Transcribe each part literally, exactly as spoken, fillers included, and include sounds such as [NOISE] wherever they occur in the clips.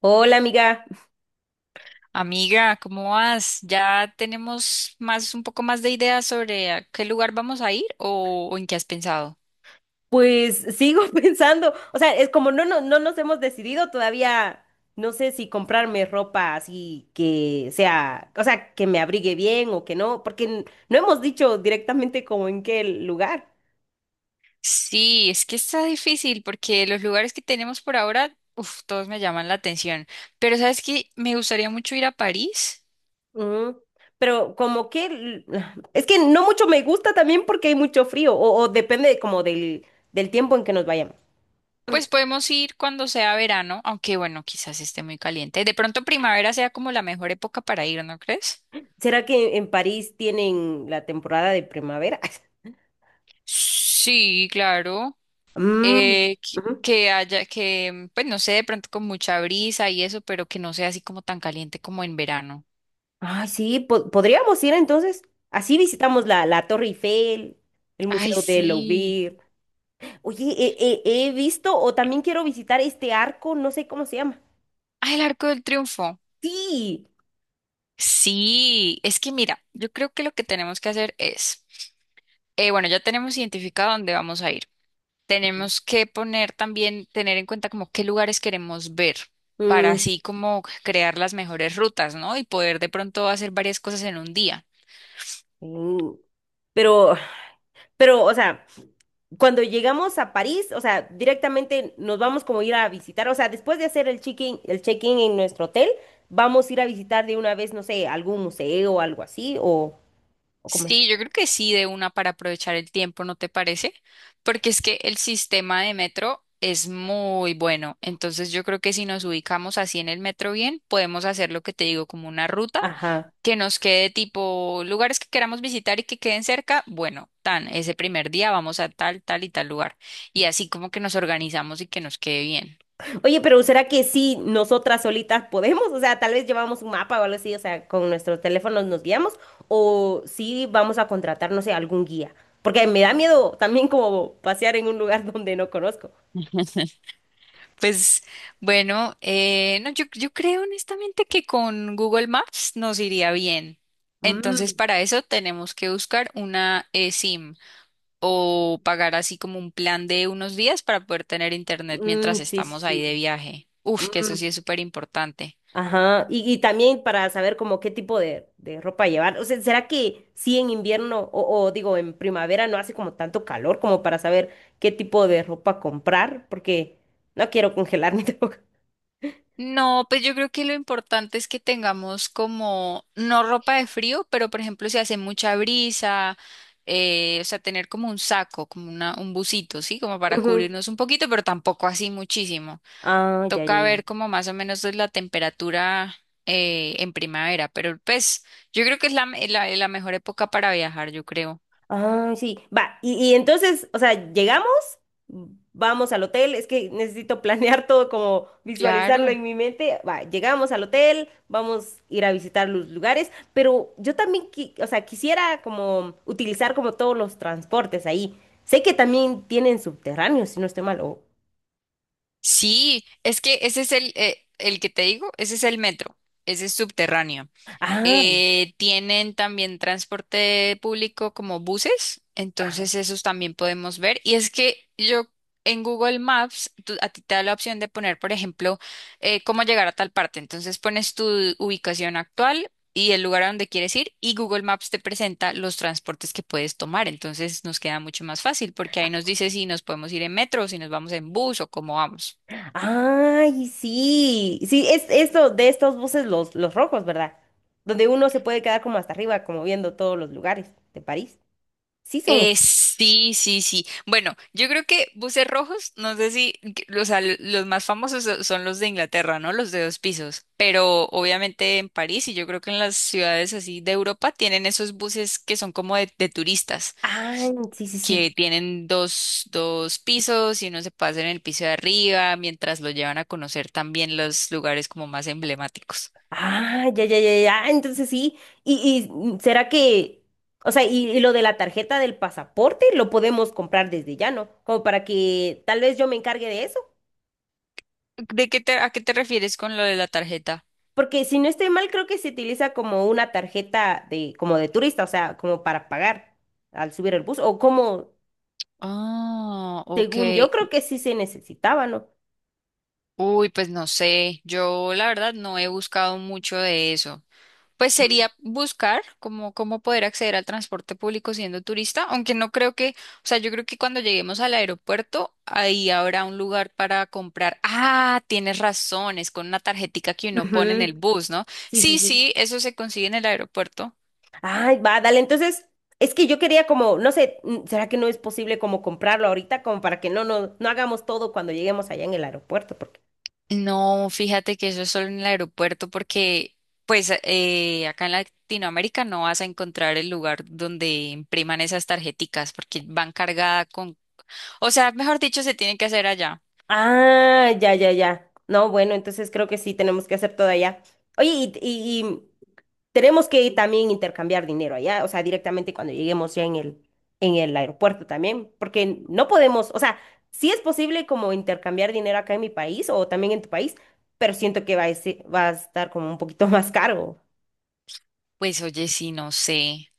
Hola amiga, Amiga, ¿cómo vas? ¿Ya tenemos más, un poco más de ideas sobre a qué lugar vamos a ir o, o en qué has pensado? pues sigo [LAUGHS] pensando, o sea, es como no, no, no nos hemos decidido todavía, no sé si comprarme ropa así que sea, o sea, que me abrigue bien o que no, porque n- no hemos dicho directamente como en qué lugar. Sí, es que está difícil porque los lugares que tenemos por ahora, uf, todos me llaman la atención. Pero sabes que me gustaría mucho ir a París. Ujú. Pero como que, l- [SIGHS] es que no mucho me gusta también porque hay mucho frío o, o depende de como del, del tiempo en que nos vayamos. Pues podemos ir cuando sea verano, aunque bueno, quizás esté muy caliente. De pronto primavera sea como la mejor época para ir, ¿no crees? ¿Será que en París tienen la temporada de primavera? [LAUGHS] Sí, claro. Mm, eh, que ujú. que haya, que, pues no sé, de pronto con mucha brisa y eso, pero que no sea así como tan caliente como en verano. Ay, sí, po- podríamos ir entonces. Así visitamos la, la Torre Eiffel, el Ay, Museo de sí. Louvre. Oye, he, he- he visto o también quiero visitar este arco, no sé cómo se llama. Ay, el Arco del Triunfo. Sí. Sí, es que mira, yo creo que lo que tenemos que hacer es, eh, bueno, ya tenemos identificado dónde vamos a ir. Tenemos que poner también, tener en cuenta como qué lugares queremos ver para Mm. así como crear las mejores rutas, ¿no? Y poder de pronto hacer varias cosas en un día. Mm. Pero, pero, o sea, cuando llegamos a París, o sea, directamente nos vamos como a ir a visitar, o sea, después de hacer el check-in, el check-in en nuestro hotel, vamos a ir a visitar de una vez, no sé, algún museo o algo así, o, o como es que. Sí, yo creo que sí, de una para aprovechar el tiempo, ¿no te parece? Porque es que el sistema de metro es muy bueno. Entonces yo creo que si nos ubicamos así en el metro bien, podemos hacer lo que te digo, como una ruta Ajá. que nos quede tipo lugares que queramos visitar y que queden cerca. Bueno, tan, ese primer día vamos a tal, tal y tal lugar. Y así como que nos organizamos y que nos quede bien. Oye, pero ¿será que sí nosotras solitas podemos? O sea, tal vez llevamos un mapa o algo así, o sea, con nuestros teléfonos nos guiamos, o sí vamos a contratar, no sé, algún guía. Porque me da miedo también como pasear en un lugar [LAUGHS] donde no conozco. Pues bueno, eh, no, yo, yo creo honestamente que con Google Maps nos iría bien. Entonces, Mm, para eso tenemos que buscar una eh, SIM o sí. pagar así como un plan de unos días para poder tener internet mientras Mm, sí, sí, estamos ahí de sí. viaje. Uf, que eso sí Mm, es súper importante. ajá. Y, y también para saber como qué tipo de, de ropa llevar. O sea, ¿será que sí en invierno o, o digo en primavera no hace como tanto calor como para saber qué tipo de ropa comprar? Porque no quiero congelar mi [LAUGHS] No, pues yo creo que lo importante es que tengamos como, no ropa de frío, pero por ejemplo si hace mucha brisa, eh, o sea, tener como un saco, como una, un busito, ¿sí? Como para Ujú. cubrirnos un poquito, pero tampoco así muchísimo. Ah, ya, ya, Toca ya. ver como más o menos es la temperatura eh, en primavera, pero pues yo creo que es la, me- la, la mejor época para viajar, yo creo. Ah, sí. Va, y, y entonces, o sea, llegamos, vamos al hotel, es que necesito [LAUGHS] planear todo como visualizarlo Claro. en mi mente. Va, llegamos al hotel, vamos a ir a visitar los lugares, pero yo también, qui- o sea, quisiera como utilizar como todos los transportes ahí. Sé que también tienen subterráneos, si no estoy mal. o- Sí, es que ese es el, eh, el que te digo, ese es el metro, ese es subterráneo. Ah. Eh, tienen también transporte público como buses, entonces esos también podemos ver. Y es que yo en Google Maps, tú- a ti te da la opción de poner, por ejemplo, eh, cómo llegar a tal parte. Entonces pones tu ubicación actual y el lugar a donde quieres ir y Google Maps te presenta los transportes que puedes tomar. Entonces nos queda mucho más fácil porque ahí nos dice si nos podemos ir en metro, si nos vamos en bus o cómo vamos. Ay, sí. Sí, es esto de estos buses los, los rojos, ¿verdad? Donde uno se puede quedar como hasta arriba, como viendo todos los lugares de París. Sí son estos. Eh, sí, sí, sí. Bueno, yo creo que buses rojos, no sé si, que- o sea, l- los más famosos so- son los de Inglaterra, ¿no? Los de dos pisos. Pero obviamente en París y yo creo que en las ciudades así de Europa tienen esos buses que son como de, de turistas, Ah, sí, sí, sí. que tienen dos, dos pisos y uno se pasa en el piso de arriba mientras lo llevan a conocer también los lugares como más emblemáticos. Ah, ya, ya, ya, ya. Entonces sí. Y, y mm, ¿será que, o sea, y, y lo de la tarjeta del pasaporte lo podemos comprar desde ya, ¿no? Como para que tal vez yo me encargue de eso. ¿De qué te, a qué te refieres con lo de la tarjeta? Porque si no estoy mal, creo que se utiliza como una tarjeta de, como de turista, o sea, como para pagar al subir el bus. O como, Ah, ok. según yo creo que sí se necesitaba, ¿no? Uy, pues no sé, yo la verdad no he buscado mucho de eso. Pues sería buscar cómo, cómo poder acceder al transporte público siendo turista, aunque no creo que, o sea, yo creo que cuando lleguemos al aeropuerto, ahí habrá un lugar para comprar. Ah, tienes razón, es con una tarjetica que uno pone en el Ujú. bus, ¿no? Sí, sí, Sí, sí. sí, eso se consigue en el aeropuerto. Ay, va, dale. Entonces, es que yo quería como, no sé, mm, ¿será que no es posible como comprarlo ahorita como para que no, no, no hagamos todo cuando lleguemos allá en el aeropuerto? Porque No, fíjate que eso es solo en el aeropuerto porque pues eh, acá en Latinoamérica no vas a encontrar el lugar donde impriman esas tarjeticas porque van cargadas con, o sea, mejor dicho, se tienen que hacer allá. ah, ya, ya, ya. No, bueno, entonces creo que sí tenemos que hacer todo allá. Oye, y, y- y tenemos que también intercambiar dinero allá, o sea, directamente cuando lleguemos ya en el, en el aeropuerto también, porque no podemos, o sea, sí es posible como intercambiar dinero acá en mi país o también en tu país, pero siento que va a, ese- va a estar como un poquito [LAUGHS] más caro. Pues oye, sí, no sé,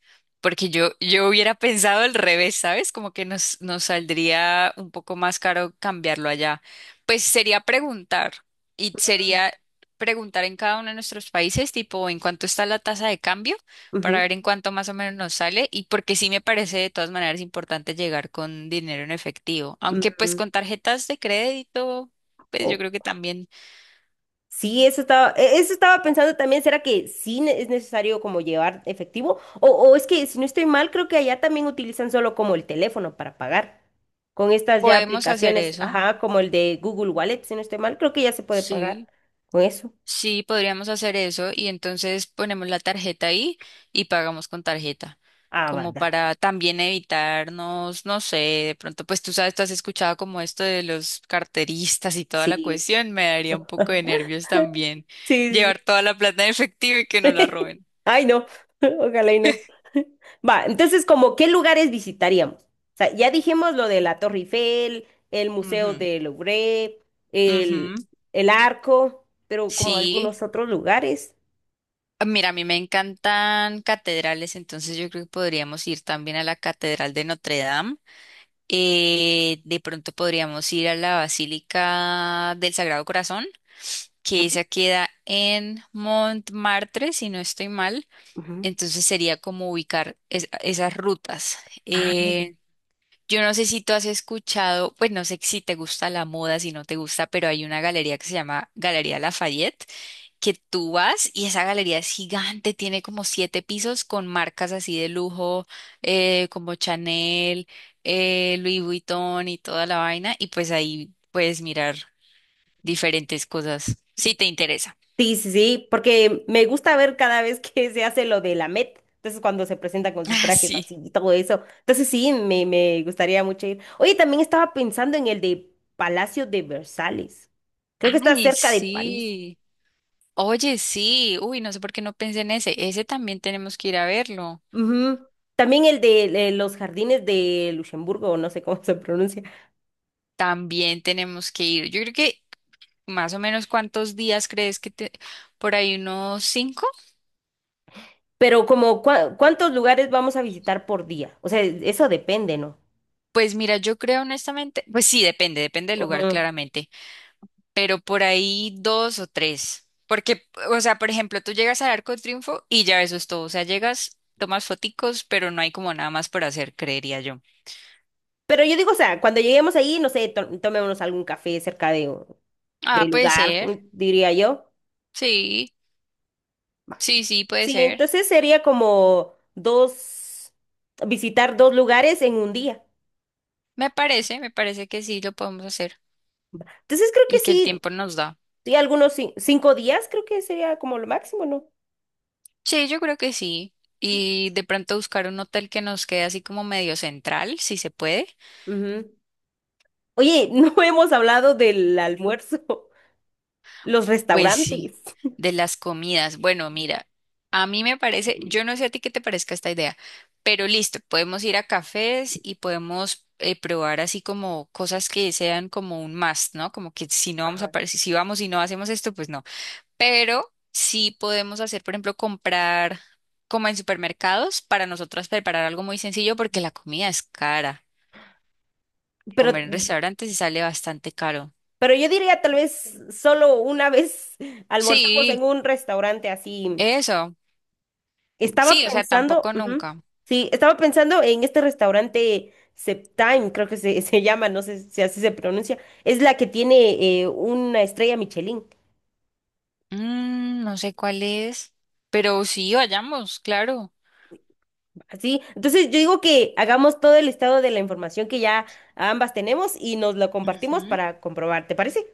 porque yo, yo hubiera pensado al revés, ¿sabes? Como que nos, nos saldría un poco más caro cambiarlo allá. Pues sería preguntar, y sería preguntar en cada uno de nuestros países, tipo, en cuánto está la tasa de cambio, para Ujú, ver en cuánto más o menos nos sale, y porque sí me parece de todas maneras importante llegar con dinero en efectivo, aunque pues ujú. con tarjetas de crédito, pues yo O- creo que también Sí, eso estaba, e- eso estaba pensando también, ¿será que sí ne- es necesario como llevar efectivo? O, o es que si no estoy mal, creo que allá también utilizan solo como el teléfono para pagar. Con estas ya podemos hacer aplicaciones, eso. ajá, como el de Google Wallet, si no estoy mal, creo que ya se puede pagar Sí. con eso. Sí, podríamos hacer eso y entonces ponemos la tarjeta ahí y pagamos con tarjeta, Ah, va, como dale. para también evitarnos, no sé, de pronto, pues tú sabes, tú has escuchado como esto de los carteristas y toda la Sí. cuestión, me daría un poco de nervios también Sí, llevar sí. toda la plata en efectivo y que no la [LAUGHS] roben. Ay, no, [LAUGHS] ojalá y no. [LAUGHS] Va, entonces, como, ¿qué lugares visitaríamos? O sea, ya dijimos lo de la Torre Eiffel, el Museo Ujú. del Louvre, el, Ujú. el Arco, pero como Sí. algunos otros lugares. Ah, mira, a mí me encantan catedrales, entonces yo creo que podríamos ir también a la Catedral de Notre Dame. Eh, de pronto podríamos ir a la Basílica del Sagrado Corazón, que Ujú, esa queda en Montmartre, si no estoy mal. ujú. Entonces sería como ubicar es- esas rutas. Ah, Eh, yo no sé si tú has escuchado, pues no sé si te gusta la moda, si no te gusta, pero hay una galería que se llama Galería Lafayette que tú vas y esa galería es gigante, tiene como siete pisos con marcas así de lujo, eh, como Chanel, eh, Louis Vuitton y toda la vaina, y pues ahí puedes mirar diferentes cosas, si te interesa. [LAUGHS] sí, sí, sí, porque me gusta ver cada vez que se hace lo de la Met, entonces cuando se presenta con sus Ah, trajes sí. así y todo eso, entonces sí, me, me gustaría mucho ir. Oye, también estaba pensando en el de Palacio de Versalles, creo que está Ay, cerca de París. sí. Oye, sí. Uy, no sé por qué no pensé en ese. Ese también tenemos que ir a verlo. Ujú. También el de eh, los jardines de Luxemburgo, o no sé cómo [LAUGHS] se pronuncia, También tenemos que ir. Yo creo que más o menos cuántos días crees que te... Por ahí unos cinco. pero como cua- cuántos lugares vamos a visitar por día, o sea, eso depende, ¿no? Pues mira, yo creo honestamente, pues sí, depende, depende del lugar Ujú. claramente, pero por ahí dos o tres, porque, o sea, por ejemplo, tú llegas al Arco de Triunfo y ya eso es todo, o sea, llegas, tomas foticos, pero no hay como nada más por hacer, creería yo. Pero yo digo, o sea, cuando lleguemos ahí, no sé, to- tomémonos algún café cerca de... Ah, del puede lugar, ser, mm, diría yo. sí, sí, sí, puede Sí, ser. entonces sería como dos, visitar dos lugares en un día. Me parece, me parece que sí lo podemos hacer Entonces creo que y que el sí, tiempo nos da. sí, algunos cin- cinco días creo que sería como lo máximo, ¿no? Sí, yo creo que sí. Y de pronto buscar un hotel que nos quede así como medio central, si se puede. Ujú. Oye, [LAUGHS] no hemos hablado del almuerzo, los Pues sí, restaurantes, de las comidas. Bueno, mira, a mí me parece, yo no sé a ti qué te parezca esta idea, pero listo, podemos ir a cafés y podemos eh, probar así como cosas que sean como un must, ¿no? Como que si no vamos a, par- si si vamos y no hacemos esto, pues no. Pero sí podemos hacer, por ejemplo, comprar como en supermercados para nosotras preparar algo muy sencillo porque la comida es cara. pero, Comer en restaurantes sí sale bastante caro. pero yo diría tal vez solo una vez [LAUGHS] almorzamos Sí, en un restaurante así. eso. Estaba Sí, o sea, pensando, tampoco ujú. nunca. Sí, estaba pensando en este restaurante Septime, creo que se, [LAUGHS] se llama, no sé si así se pronuncia. Es la que tiene eh, una estrella Michelin, Mm, no sé cuál es, pero sí, vayamos, claro. así. Entonces yo digo que hagamos todo el estado de la información que ya ambas tenemos y nos lo compartimos Ujú. para comprobar, ¿te parece?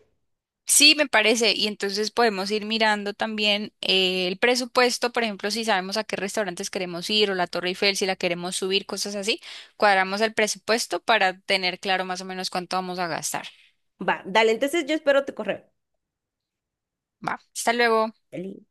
Sí, me parece. Y entonces podemos ir mirando también eh, el presupuesto, por ejemplo, si sabemos a qué restaurantes queremos ir o la Torre Eiffel, si la queremos subir, cosas así. Cuadramos el presupuesto para tener claro más o menos cuánto vamos a gastar. Va, dale, entonces yo espero tu correo. Va, hasta luego. Dale.